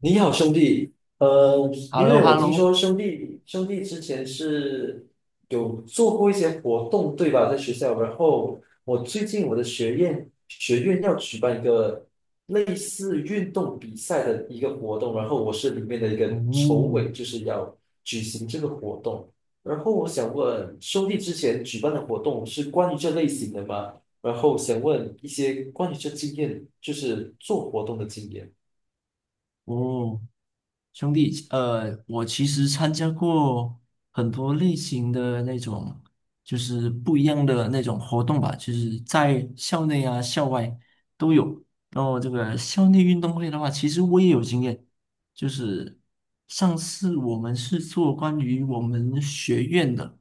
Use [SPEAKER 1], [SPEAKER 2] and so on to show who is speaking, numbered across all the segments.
[SPEAKER 1] 你好，兄弟。
[SPEAKER 2] h e l
[SPEAKER 1] 因
[SPEAKER 2] l o
[SPEAKER 1] 为
[SPEAKER 2] h e
[SPEAKER 1] 我
[SPEAKER 2] l l
[SPEAKER 1] 听
[SPEAKER 2] o
[SPEAKER 1] 说兄弟之前是有做过一些活动，对吧？在学校，然后我最近我的学院要举办一个类似运动比赛的一个活动，然后我是里面的一个筹委，
[SPEAKER 2] 嗯。
[SPEAKER 1] 就是要举行这个活动。然后我想问，兄弟之前举办的活动是关于这类型的吗？然后想问一些关于这经验，就是做活动的经验。
[SPEAKER 2] 哦，兄弟，我其实参加过很多类型的那种，就是不一样的那种活动吧，就是在校内啊、校外都有。然后这个校内运动会的话，其实我也有经验，就是上次我们是做关于我们学院的，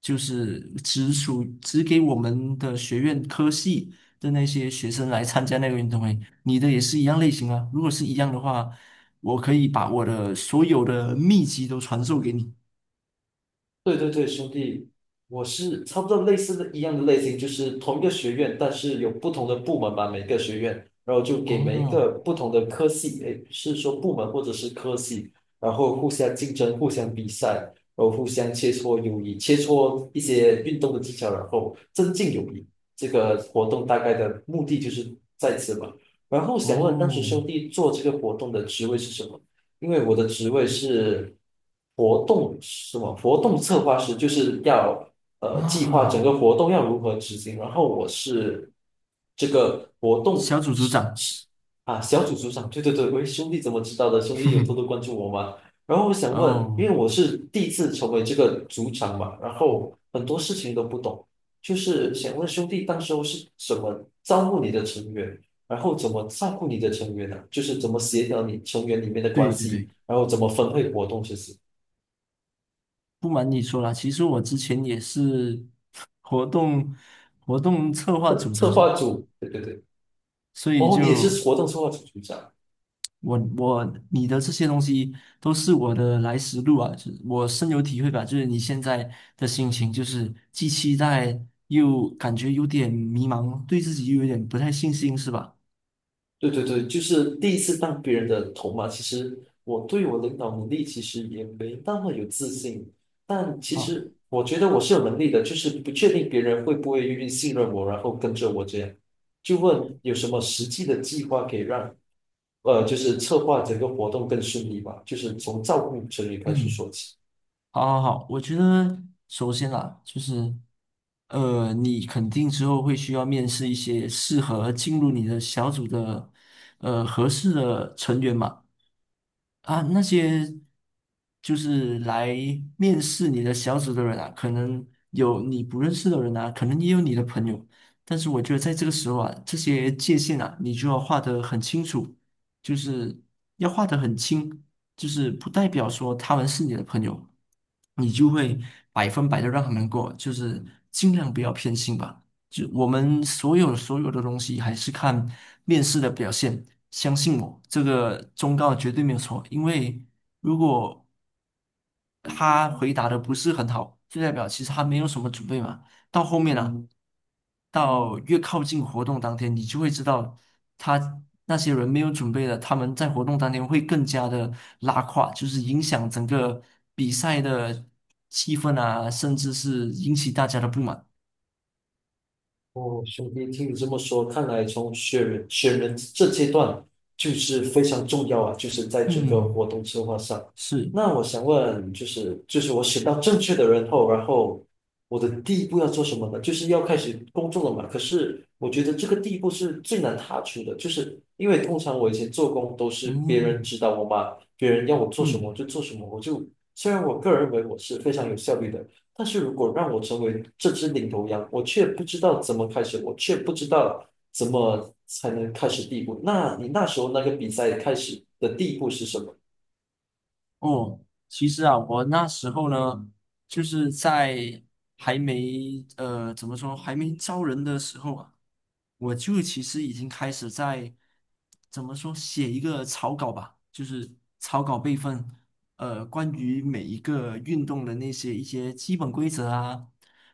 [SPEAKER 2] 就是只给我们的学院科系的那些学生来参加那个运动会。你的也是一样类型啊。如果是一样的话，我可以把我的所有的秘籍都传授给你。
[SPEAKER 1] 对对对，兄弟，我是差不多类似的一样的类型，就是同一个学院，但是有不同的部门吧，每个学院，然后就给每一
[SPEAKER 2] 哦。
[SPEAKER 1] 个不同的科系，诶，是说部门或者是科系，然后互相竞争、互相比赛，然后互相切磋友谊，切磋一些运动的技巧，然后增进友谊。这个活动大概的目的就是在此吧。然后想问，当时
[SPEAKER 2] 哦
[SPEAKER 1] 兄弟做这个活动的职位是什么？因为我的职位是活动什么活动策划师，就是要计划整
[SPEAKER 2] 啊，
[SPEAKER 1] 个活动要如何执行，然后我是这个活动
[SPEAKER 2] 小组组
[SPEAKER 1] 是
[SPEAKER 2] 长。
[SPEAKER 1] 是啊小组组长，对对对，喂兄弟怎么知道的？兄弟有多多关注我吗？然后我想问，
[SPEAKER 2] 哦，
[SPEAKER 1] 因为我是第一次成为这个组长嘛，然
[SPEAKER 2] 嗯，
[SPEAKER 1] 后很多事情都不懂，就是想问兄弟，当时候是什么招募你的成员？然后怎么照顾你的成员呢、就是怎么协调你成员里面的关
[SPEAKER 2] 对对
[SPEAKER 1] 系，
[SPEAKER 2] 对，
[SPEAKER 1] 然后怎么分配活动这些，其
[SPEAKER 2] 不瞒你说啦，其实我之前也是 活动活动策划
[SPEAKER 1] 实
[SPEAKER 2] 组组
[SPEAKER 1] 策
[SPEAKER 2] 长，
[SPEAKER 1] 划组，对对对，
[SPEAKER 2] 所以
[SPEAKER 1] 哦，你也是
[SPEAKER 2] 就。
[SPEAKER 1] 活动策划组组长，
[SPEAKER 2] 我你的这些东西都是我的来时路啊，就是我深有体会吧。就是你现在的心情，就是既期待又感觉有点迷茫，对自己又有点不太信心，是吧？
[SPEAKER 1] 对对对，就是第一次当别人的头嘛。其实我对我领导能力其实也没那么有自信，但其
[SPEAKER 2] 好。
[SPEAKER 1] 实我觉得我是有能力的，就是不确定别人会不会愿意信任我，然后跟着我这样。就问有什么实际的计划可以让就是策划整个活动更顺利吧，就是从照顾成员开始
[SPEAKER 2] 嗯，
[SPEAKER 1] 说起。
[SPEAKER 2] 好，好，好，我觉得首先啦，就是你肯定之后会需要面试一些适合进入你的小组的合适的成员嘛。啊，那些就是来面试你的小组的人啊，可能有你不认识的人啊，可能也有你的朋友，但是我觉得在这个时候啊，这些界限啊，你就要画得很清楚，就是要画得很清，就是不代表说他们是你的朋友，你就会百分百的让他们过，就是尽量不要偏心吧。就我们所有的东西还是看面试的表现。相信我，这个忠告绝对没有错。因为如果他回答的不是很好，就代表其实他没有什么准备嘛。到后面啊，到越靠近活动当天，你就会知道他那些人没有准备的，他们在活动当天会更加的拉胯，就是影响整个比赛的气氛啊，甚至是引起大家的不满。
[SPEAKER 1] 哦，兄弟，听你这么说，看来从选人这阶段就是非常重要啊，就是在整个
[SPEAKER 2] 嗯，
[SPEAKER 1] 活动策划上。
[SPEAKER 2] 是。
[SPEAKER 1] 那我想问，就是我选到正确的人后，然后我的第一步要做什么呢？就是要开始工作了嘛。可是我觉得这个第一步是最难踏出的，就是因为通常我以前做工都是别人
[SPEAKER 2] 嗯。
[SPEAKER 1] 指导我嘛，别人要我做什么
[SPEAKER 2] 嗯。
[SPEAKER 1] 我就做什么，我就虽然我个人认为我是非常有效率的。但是如果让我成为这只领头羊，我却不知道怎么开始，我却不知道怎么才能开始第一步。那你那时候那个比赛开始的第一步是什么？
[SPEAKER 2] 哦，其实啊，我那时候呢，就是在还没怎么说还没招人的时候啊，我就其实已经开始在怎么说写一个草稿吧，就是草稿备份，关于每一个运动的那些一些基本规则啊，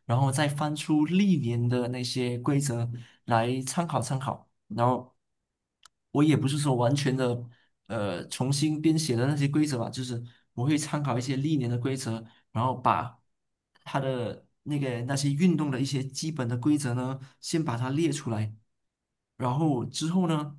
[SPEAKER 2] 然后再翻出历年的那些规则来参考参考。然后我也不是说完全的重新编写的那些规则吧，就是我会参考一些历年的规则，然后把它的那个那些运动的一些基本的规则呢，先把它列出来。然后之后呢，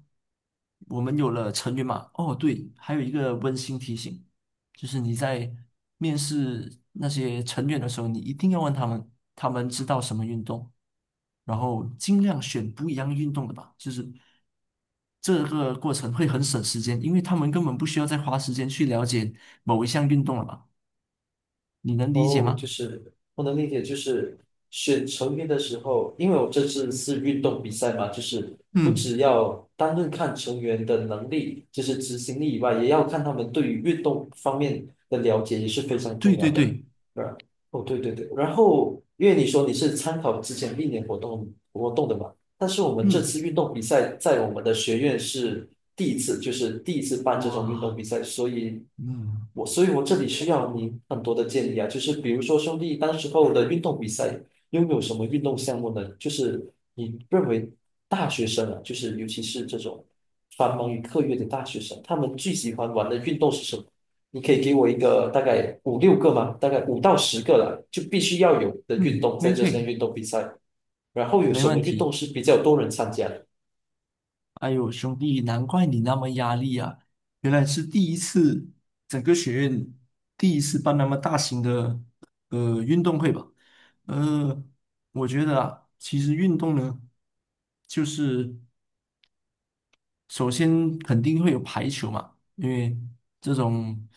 [SPEAKER 2] 我们有了成员嘛，哦对，还有一个温馨提醒。就是你在面试那些成员的时候，你一定要问他们，他们知道什么运动，然后尽量选不一样运动的吧。就是这个过程会很省时间，因为他们根本不需要再花时间去了解某一项运动了吧？你能理解
[SPEAKER 1] 哦，就
[SPEAKER 2] 吗？
[SPEAKER 1] 是我能理解，就是选成员的时候，因为我这次是运动比赛嘛，就是不
[SPEAKER 2] 嗯，
[SPEAKER 1] 只要单论看成员的能力，就是执行力以外，也要看他们对于运动方面的了解也是非常
[SPEAKER 2] 对
[SPEAKER 1] 重要
[SPEAKER 2] 对
[SPEAKER 1] 的。
[SPEAKER 2] 对。
[SPEAKER 1] 对，哦，对对对，然后因为你说你是参考之前历年活动的嘛，但是我们这次
[SPEAKER 2] 嗯。
[SPEAKER 1] 运动比赛在我们的学院是第一次，就是第一次办这种运动
[SPEAKER 2] 哇。
[SPEAKER 1] 比赛，所以
[SPEAKER 2] 嗯
[SPEAKER 1] 我所以我这里需要你很多的建议啊，就是比如说兄弟当时候的运动比赛拥有什么运动项目呢？就是你认为大学生啊，就是尤其是这种繁忙于课业的大学生，他们最喜欢玩的运动是什么？你可以给我一个大概5、6个吗？大概5到10个了，就必须要有的运
[SPEAKER 2] 嗯，
[SPEAKER 1] 动
[SPEAKER 2] 可
[SPEAKER 1] 在
[SPEAKER 2] 以
[SPEAKER 1] 这
[SPEAKER 2] 可
[SPEAKER 1] 项
[SPEAKER 2] 以，
[SPEAKER 1] 运动比赛。然后有
[SPEAKER 2] 没
[SPEAKER 1] 什
[SPEAKER 2] 问
[SPEAKER 1] 么运动
[SPEAKER 2] 题。
[SPEAKER 1] 是比较多人参加的？
[SPEAKER 2] 哎呦，兄弟，难怪你那么压力啊！原来是第一次，整个学院第一次办那么大型的运动会吧？呃，我觉得啊，其实运动呢，就是首先肯定会有排球嘛，因为这种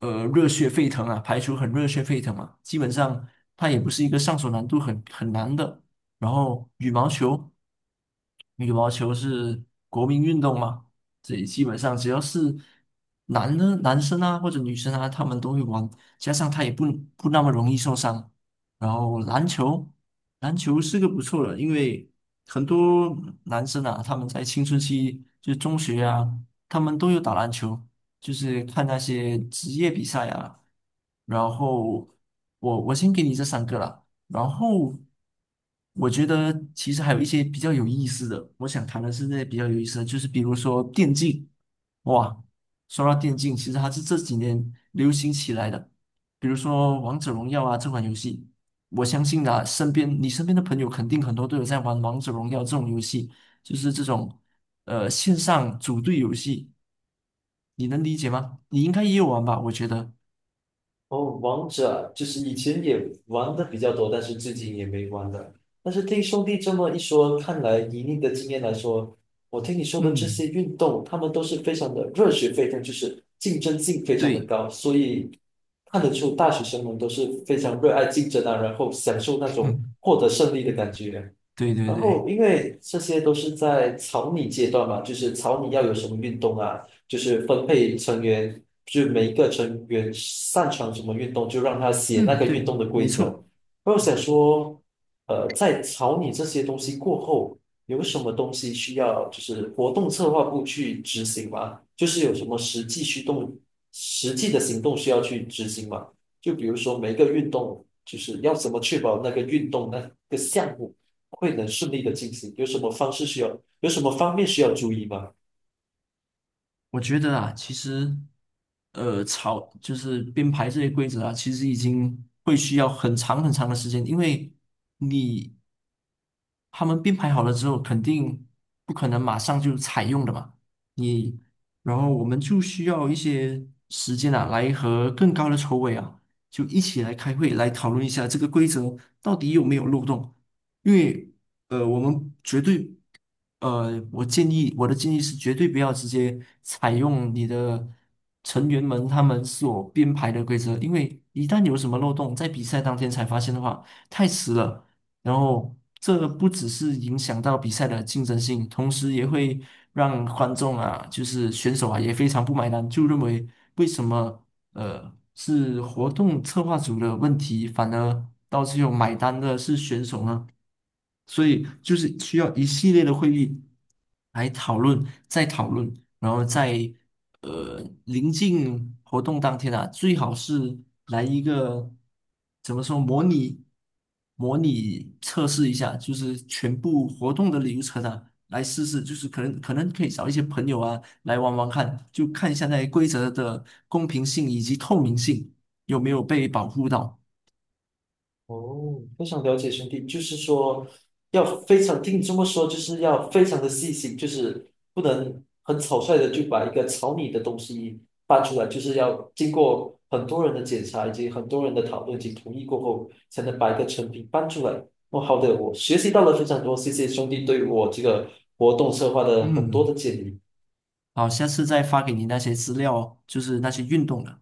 [SPEAKER 2] 热血沸腾啊，排球很热血沸腾嘛，基本上它也不是一个上手难度很难的。然后羽毛球，羽毛球是国民运动嘛，这里基本上只要是男的男生啊或者女生啊，他们都会玩，加上它也不那么容易受伤。然后篮球。篮球是个不错的，因为很多男生啊，他们在青春期，就是中学啊，他们都有打篮球，就是看那些职业比赛啊。然后我先给你这三个啦，然后我觉得其实还有一些比较有意思的，我想谈的是那些比较有意思的，就是比如说电竞，哇，说到电竞，其实它是这几年流行起来的，比如说王者荣耀啊这款游戏。我相信啊，身边你身边的朋友肯定很多都有在玩王者荣耀这种游戏，就是这种线上组队游戏，你能理解吗？你应该也有玩吧？我觉得，
[SPEAKER 1] 哦，王者就是以前也玩的比较多，但是最近也没玩了。但是听兄弟这么一说，看来以你的经验来说，我听你说的这
[SPEAKER 2] 嗯，
[SPEAKER 1] 些运动，他们都是非常的热血沸腾，就是竞争性非常的
[SPEAKER 2] 对。
[SPEAKER 1] 高，所以看得出大学生们都是非常热爱竞争啊，然后享受那 种
[SPEAKER 2] 嗯，
[SPEAKER 1] 获得胜利的感觉。
[SPEAKER 2] 对对
[SPEAKER 1] 然
[SPEAKER 2] 对。
[SPEAKER 1] 后，因为这些都是在草拟阶段嘛，就是草拟要有什么运动啊，就是分配成员，就每一个成员擅长什么运动，就让他写那
[SPEAKER 2] 嗯，
[SPEAKER 1] 个运
[SPEAKER 2] 对，
[SPEAKER 1] 动的
[SPEAKER 2] 没
[SPEAKER 1] 规则。
[SPEAKER 2] 错。
[SPEAKER 1] 然后我想说，在草拟这些东西过后，有什么东西需要就是活动策划部去执行吗？就是有什么实际驱动、实际的行动需要去执行吗？就比如说每一个运动，就是要怎么确保那个运动那个项目。会能顺利的进行？有什么方式需要，有什么方面需要注意吗？
[SPEAKER 2] 我觉得啊，其实，草就是编排这些规则啊，其实已经会需要很长很长的时间，因为你他们编排好了之后，肯定不可能马上就采用的嘛。你，然后我们就需要一些时间啊，来和更高的筹委啊，就一起来开会，来讨论一下这个规则到底有没有漏洞，因为我们绝对，我的建议是绝对不要直接采用你的成员们他们所编排的规则，因为一旦有什么漏洞，在比赛当天才发现的话，太迟了。然后这不只是影响到比赛的竞争性，同时也会让观众啊，就是选手啊，也非常不买单，就认为为什么是活动策划组的问题，反而到最后买单的是选手呢？所以就是需要一系列的会议来讨论，再讨论，然后在临近活动当天啊，最好是来一个怎么说模拟测试一下，就是全部活动的流程啊，来试试，就是可能可以找一些朋友啊来玩玩看，就看一下那些规则的公平性以及透明性有没有被保护到。
[SPEAKER 1] 哦，非常了解兄弟，就是说要非常，听你这么说，就是要非常的细心，就是不能很草率的就把一个草拟的东西搬出来，就是要经过很多人的检查以及很多人的讨论以及同意过后，才能把一个成品搬出来。哦，好的，我学习到了非常多，谢谢兄弟对我这个活动策划的很多
[SPEAKER 2] 嗯，
[SPEAKER 1] 的建议。
[SPEAKER 2] 好，下次再发给你那些资料，就是那些运动的。